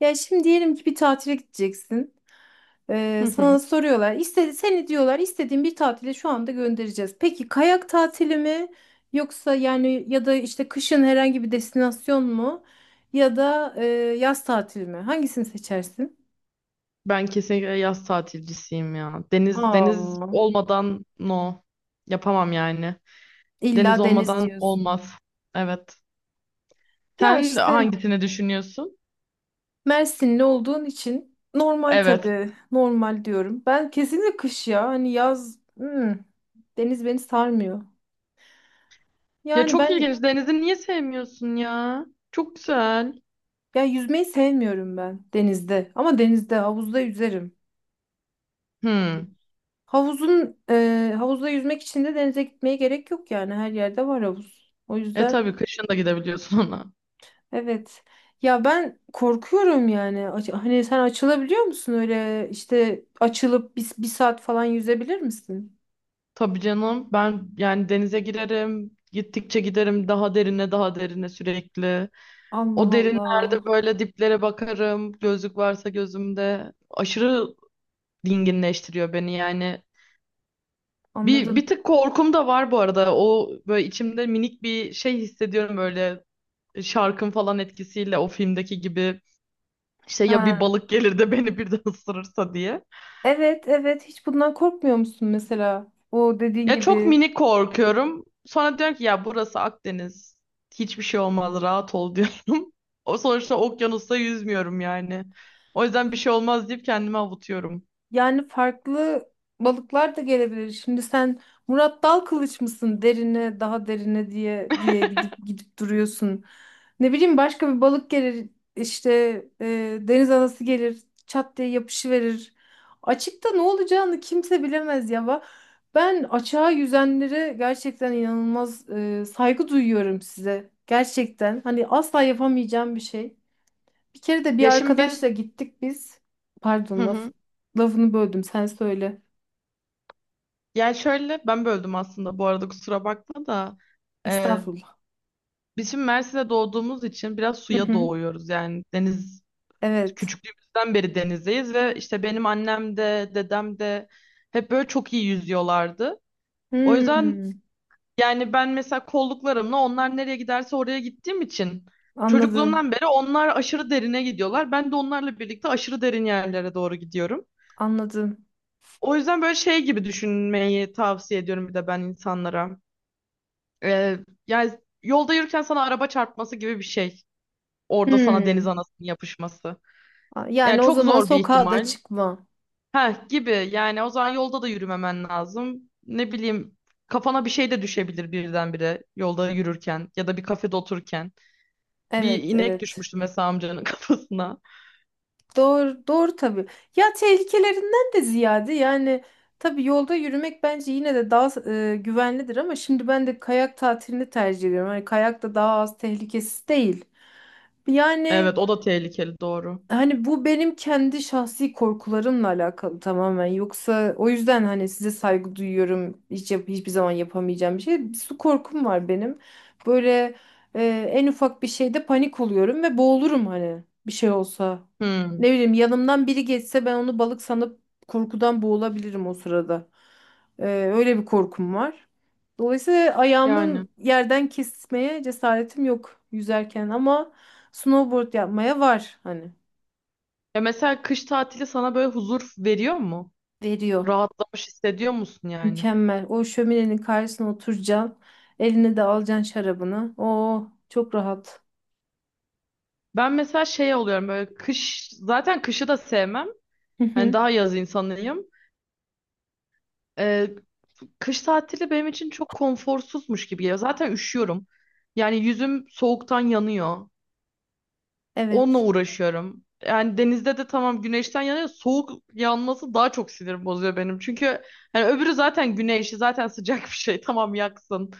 Ya şimdi diyelim ki bir tatile gideceksin. Hı Sana hı. soruyorlar. Seni diyorlar, istediğin bir tatile şu anda göndereceğiz. Peki kayak tatili mi? Yoksa yani ya da işte kışın herhangi bir destinasyon mu? Ya da yaz tatili mi? Hangisini seçersin? Ben kesinlikle yaz tatilcisiyim ya. Deniz deniz Aa, olmadan no. Yapamam yani. Deniz illa deniz olmadan diyorsun. olmaz. Evet. Ya Sen işte hangisini düşünüyorsun? Mersinli olduğun için normal Evet. tabii. Normal diyorum. Ben kesinlikle kış ya. Hani yaz deniz beni sarmıyor. Ya Yani çok ben ilginç. Denizi niye sevmiyorsun ya? Çok güzel. Ya, yüzmeyi sevmiyorum ben denizde. Ama denizde, havuzda yüzerim. hmm Havuzda yüzmek için de denize gitmeye gerek yok yani. Her yerde var havuz. O E yüzden tabii kışın da gidebiliyorsun ona. evet. Ya ben korkuyorum yani. Hani sen açılabiliyor musun öyle işte açılıp bir saat falan yüzebilir misin? Tabii canım. Ben yani denize girerim. Gittikçe giderim daha derine daha derine sürekli. Allah O derinlerde Allah. böyle diplere bakarım. Gözlük varsa gözümde. Aşırı dinginleştiriyor beni yani. Bir, Anladım. bir tık korkum da var bu arada. O böyle içimde minik bir şey hissediyorum böyle şarkın falan etkisiyle o filmdeki gibi işte ya bir Ha. balık gelir de beni birden ısırırsa diye. Evet, evet, hiç bundan korkmuyor musun mesela? O dediğin Ya çok gibi. minik korkuyorum. Sonra diyorum ki ya burası Akdeniz. Hiçbir şey olmaz rahat ol diyorum. O sonuçta okyanusta yüzmüyorum yani. O yüzden bir şey olmaz deyip kendimi avutuyorum. Yani farklı balıklar da gelebilir. Şimdi sen Murat Dal kılıç mısın, derine daha derine diye diye gidip gidip duruyorsun. Ne bileyim başka bir balık gelir işte, deniz anası gelir çat diye yapışıverir. Açıkta ne olacağını kimse bilemez ya. Ben açığa yüzenlere gerçekten inanılmaz saygı duyuyorum size. Gerçekten hani asla yapamayacağım bir şey. Bir kere de bir Ya şimdi biz arkadaşla gittik biz. hı Pardon, laf, hı. lafını böldüm, sen söyle. Ya şöyle ben böldüm aslında bu arada kusura bakma da. Ee, Estağfurullah. Biz şimdi Mersin'de doğduğumuz için biraz Hı suya hı. doğuyoruz. Yani deniz Evet. küçüklüğümüzden beri denizdeyiz ve işte benim annem de dedem de hep böyle çok iyi yüzüyorlardı. O yüzden Hmm, yani ben mesela kolluklarımla onlar nereye giderse oraya gittiğim için Anladım. çocukluğumdan beri onlar aşırı derine gidiyorlar. Ben de onlarla birlikte aşırı derin yerlere doğru gidiyorum. Anladım. O yüzden böyle şey gibi düşünmeyi tavsiye ediyorum bir de ben insanlara. Ee, yani yolda yürürken sana araba çarpması gibi bir şey. Orada sana deniz Hmm. anasının yapışması. Yani Yani o çok zaman zor bir sokağa da ihtimal. çıkma. Heh gibi yani o zaman yolda da yürümemen lazım. Ne bileyim kafana bir şey de düşebilir birdenbire yolda yürürken ya da bir kafede otururken. Bir Evet, inek evet. düşmüştü mesela amcanın kafasına. Doğru, doğru tabii. Ya tehlikelerinden de ziyade yani, tabii yolda yürümek bence yine de daha güvenlidir, ama şimdi ben de kayak tatilini tercih ediyorum. Hani kayak da daha az tehlikesiz değil. Yani, Evet o da tehlikeli doğru. hani bu benim kendi şahsi korkularımla alakalı tamamen. Yoksa o yüzden hani size saygı duyuyorum. Hiç hiçbir zaman yapamayacağım bir şey. Su korkum var benim. Böyle e, en ufak bir şeyde panik oluyorum ve boğulurum hani bir şey olsa. Hmm, Ne bileyim yanımdan biri geçse ben onu balık sanıp korkudan boğulabilirim o sırada. E, Öyle bir korkum var. Dolayısıyla yani. ayağımın yerden kesmeye cesaretim yok yüzerken, ama snowboard yapmaya var hani. Ya mesela kış tatili sana böyle huzur veriyor mu? Veriyor. Rahatlamış hissediyor musun yani? Mükemmel. O şöminenin karşısına oturacaksın. Eline de alacaksın şarabını. Oo, çok rahat. Ben mesela şey oluyorum böyle kış zaten kışı da sevmem. Hı Hani hı. daha yaz insanıyım. Ee, kış tatili benim için çok konforsuzmuş gibi geliyor. Zaten üşüyorum. Yani yüzüm soğuktan yanıyor. Onunla Evet. uğraşıyorum. Yani denizde de tamam güneşten yanıyor. Soğuk yanması daha çok sinir bozuyor benim. Çünkü hani öbürü zaten güneşi zaten sıcak bir şey. Tamam yaksın.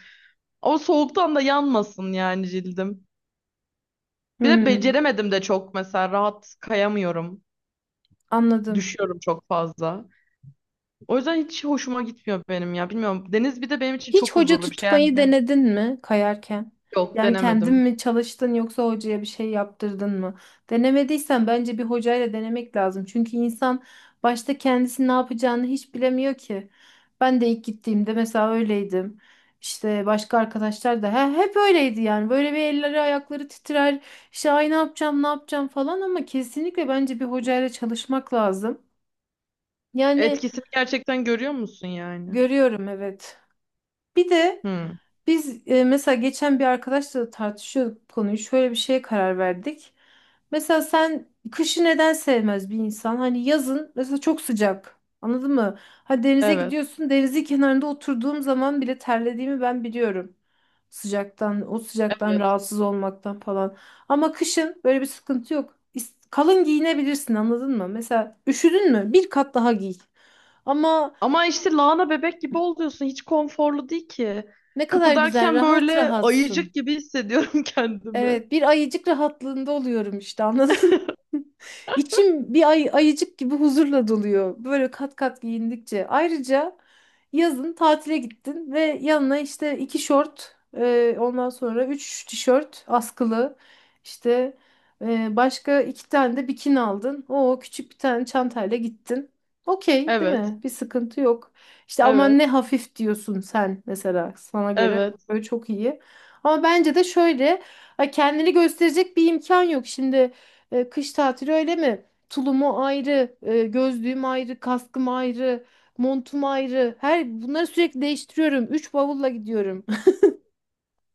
Ama soğuktan da yanmasın yani cildim. Bir de Hmm, beceremedim de çok mesela rahat kayamıyorum. Anladım. Düşüyorum çok fazla. O yüzden hiç hoşuma gitmiyor benim ya. Bilmiyorum. Deniz bir de benim için Hiç çok hoca huzurlu bir şey yani. tutmayı denedin mi kayarken? Yok Yani kendin denemedim. mi çalıştın, yoksa hocaya bir şey yaptırdın mı? Denemediysen bence bir hocayla denemek lazım. Çünkü insan başta kendisi ne yapacağını hiç bilemiyor ki. Ben de ilk gittiğimde mesela öyleydim. İşte başka arkadaşlar da hep öyleydi yani. Böyle bir elleri ayakları titrer. İşte ay ne yapacağım ne yapacağım falan, ama kesinlikle bence bir hocayla çalışmak lazım. Yani Etkisini gerçekten görüyor musun yani? görüyorum, evet. Bir de Hı. biz mesela geçen bir arkadaşla da tartışıyorduk bu konuyu. Şöyle bir şeye karar verdik. Mesela sen kışı neden sevmez bir insan? Hani yazın mesela çok sıcak. Anladın mı? Ha, denize Evet, gidiyorsun. Denizin kenarında oturduğum zaman bile terlediğimi ben biliyorum. Sıcaktan, o sıcaktan evet. rahatsız olmaktan falan. Ama kışın böyle bir sıkıntı yok. Kalın giyinebilirsin, anladın mı? Mesela üşüdün mü? Bir kat daha giy. Ama Ama işte lahana bebek gibi oluyorsun. Hiç konforlu değil ki. ne kadar güzel, Kıpırdarken rahat böyle ayıcık rahatsın. gibi hissediyorum kendimi. Evet, bir ayıcık rahatlığında oluyorum işte, anladın mı? İçim bir ayıcık gibi huzurla doluyor, böyle kat kat giyindikçe. Ayrıca yazın tatile gittin ve yanına işte iki şort, ondan sonra üç tişört askılı, işte, başka iki tane de bikini aldın. O küçük bir tane çantayla gittin. Okey, değil Evet, mi? Bir sıkıntı yok. İşte aman ne evet, hafif diyorsun, sen mesela sana göre evet. böyle çok iyi. Ama bence de şöyle. Ha, kendini gösterecek bir imkan yok. Şimdi kış tatili öyle mi? Tulumu ayrı, gözlüğüm ayrı, kaskım ayrı, montum ayrı. Her bunları sürekli değiştiriyorum. Üç bavulla gidiyorum.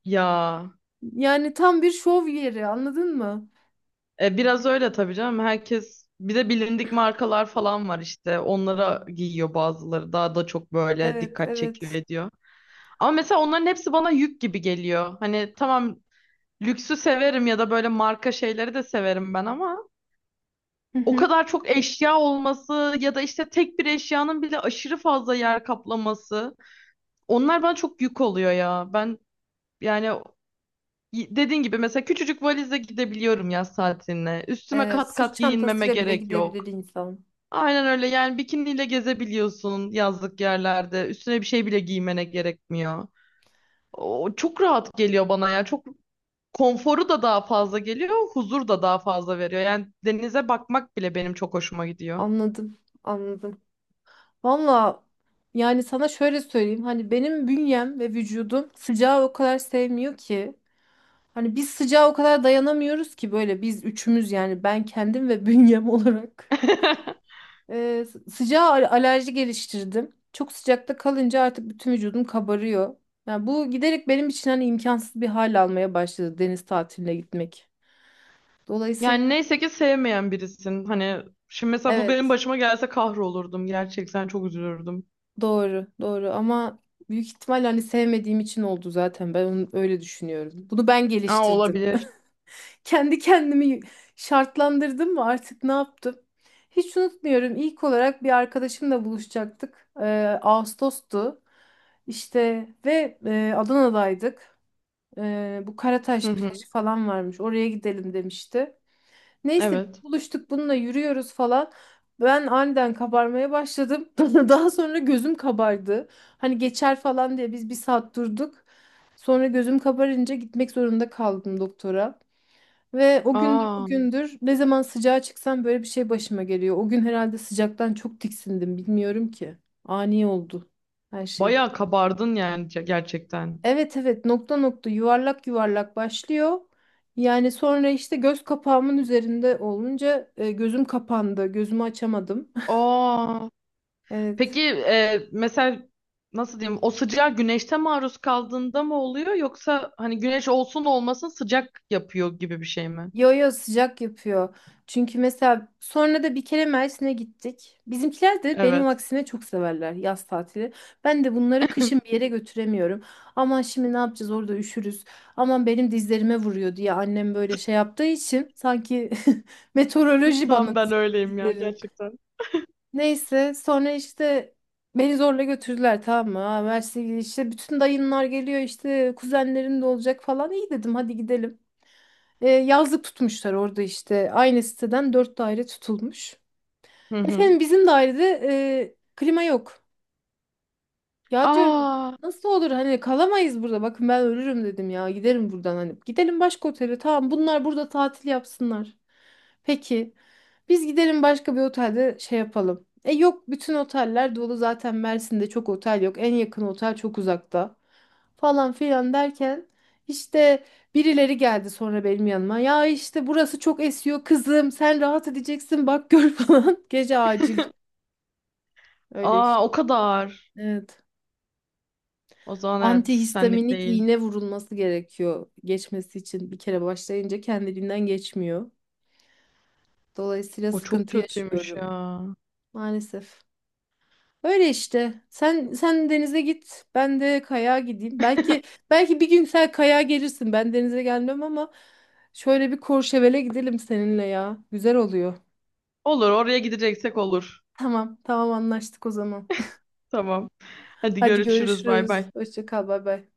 Ya, Yani tam bir şov yeri, anladın mı? Biraz öyle tabii canım. Herkes bir de bilindik markalar falan var işte. Onlara giyiyor bazıları. Daha da çok böyle Evet, dikkat çekiyor evet. ediyor. Ama mesela onların hepsi bana yük gibi geliyor. Hani tamam, lüksü severim ya da böyle marka şeyleri de severim ben ama Hı o hı. kadar çok eşya olması ya da işte tek bir eşyanın bile aşırı fazla yer kaplaması onlar bana çok yük oluyor ya. Ben yani dediğin gibi mesela küçücük valizle gidebiliyorum yaz tatiline. Üstüme Evet, kat sırt kat giyinmeme çantasıyla bile gerek yok. gidebilir insan. Aynen öyle yani bikiniyle gezebiliyorsun yazlık yerlerde. Üstüne bir şey bile giymene gerekmiyor. O çok rahat geliyor bana ya. Çok konforu da daha fazla geliyor, huzur da daha fazla veriyor. Yani denize bakmak bile benim çok hoşuma gidiyor. Anladım, anladım. Valla yani sana şöyle söyleyeyim. Hani benim bünyem ve vücudum sıcağı o kadar sevmiyor ki. Hani biz sıcağa o kadar dayanamıyoruz ki, böyle biz üçümüz yani, ben kendim ve bünyem olarak. Sıcağa alerji geliştirdim. Çok sıcakta kalınca artık bütün vücudum kabarıyor. Yani bu giderek benim için hani imkansız bir hal almaya başladı, deniz tatiline gitmek. Dolayısıyla Yani neyse ki sevmeyen birisin. Hani şimdi mesela bu benim evet, başıma gelse kahrolurdum. Gerçekten çok üzülürdüm. doğru doğru, ama büyük ihtimal hani sevmediğim için oldu zaten, ben onu öyle düşünüyorum. Bunu ben Aa geliştirdim, olabilir. kendi kendimi şartlandırdım mı, artık ne yaptım? Hiç unutmuyorum. İlk olarak bir arkadaşımla buluşacaktık. Ağustos'tu. İşte ve Adana'daydık. Bu Hı Karataş hı. plajı falan varmış. Oraya gidelim demişti. Neyse biz Evet. buluştuk, bununla yürüyoruz falan. Ben aniden kabarmaya başladım. Daha sonra gözüm kabardı. Hani geçer falan diye biz bir saat durduk. Sonra gözüm kabarınca gitmek zorunda kaldım doktora. Ve o gündür Aa bugündür ne zaman sıcağa çıksam böyle bir şey başıma geliyor. O gün herhalde sıcaktan çok tiksindim, bilmiyorum ki. Ani oldu her şey. bayağı kabardın yani gerçekten. Evet, evet, nokta nokta, yuvarlak yuvarlak başlıyor. Yani sonra işte göz kapağımın üzerinde olunca gözüm kapandı. Gözümü açamadım. Aa Evet. peki mesela nasıl diyeyim o sıcağa güneşte maruz kaldığında mı oluyor yoksa hani güneş olsun olmasın sıcak yapıyor gibi bir şey mi? Yo, yo, sıcak yapıyor. Çünkü mesela sonra da bir kere Mersin'e gittik. Bizimkiler de benim Evet. aksine çok severler yaz tatili. Ben de bunları kışın bir yere götüremiyorum. Aman şimdi ne yapacağız, orada üşürüz. Aman benim dizlerime vuruyor diye annem böyle şey yaptığı için, sanki meteoroloji Tam bana ben senin öyleyim ya dizlerin. gerçekten. Neyse sonra işte beni zorla götürdüler, tamam mı? Ha, Mersin'e gidiyor işte, bütün dayınlar geliyor işte, kuzenlerin de olacak falan. İyi dedim, hadi gidelim. Yazlık tutmuşlar orada işte. Aynı siteden dört daire tutulmuş. Hı hı. Efendim bizim dairede klima yok. Ya diyorum, Aa, nasıl olur, hani kalamayız burada. Bakın ben ölürüm dedim ya. Giderim buradan hani. Gidelim başka otele. Tamam, bunlar burada tatil yapsınlar. Peki. Biz gidelim başka bir otelde şey yapalım. E yok, bütün oteller dolu, zaten Mersin'de çok otel yok. En yakın otel çok uzakta. Falan filan derken işte birileri geldi sonra benim yanıma. Ya işte burası çok esiyor kızım. Sen rahat edeceksin bak gör falan. Gece acil. Öyle aa o işte. kadar. Evet. O zaman evet senlik Antihistaminik değil. iğne vurulması gerekiyor geçmesi için. Bir kere başlayınca kendiliğinden geçmiyor. Dolayısıyla O çok sıkıntı kötüymüş yaşıyorum ya. maalesef. Öyle işte. Sen denize git, ben de kayağa gideyim. Belki bir gün sen kayağa gelirsin. Ben denize gelmem ama şöyle bir Courchevel'e gidelim seninle ya. Güzel oluyor. Olur oraya gideceksek olur. Tamam, tamam, anlaştık o zaman. Tamam. Hadi Hadi görüşürüz bay görüşürüz. bay. Hoşça kal, bay bay.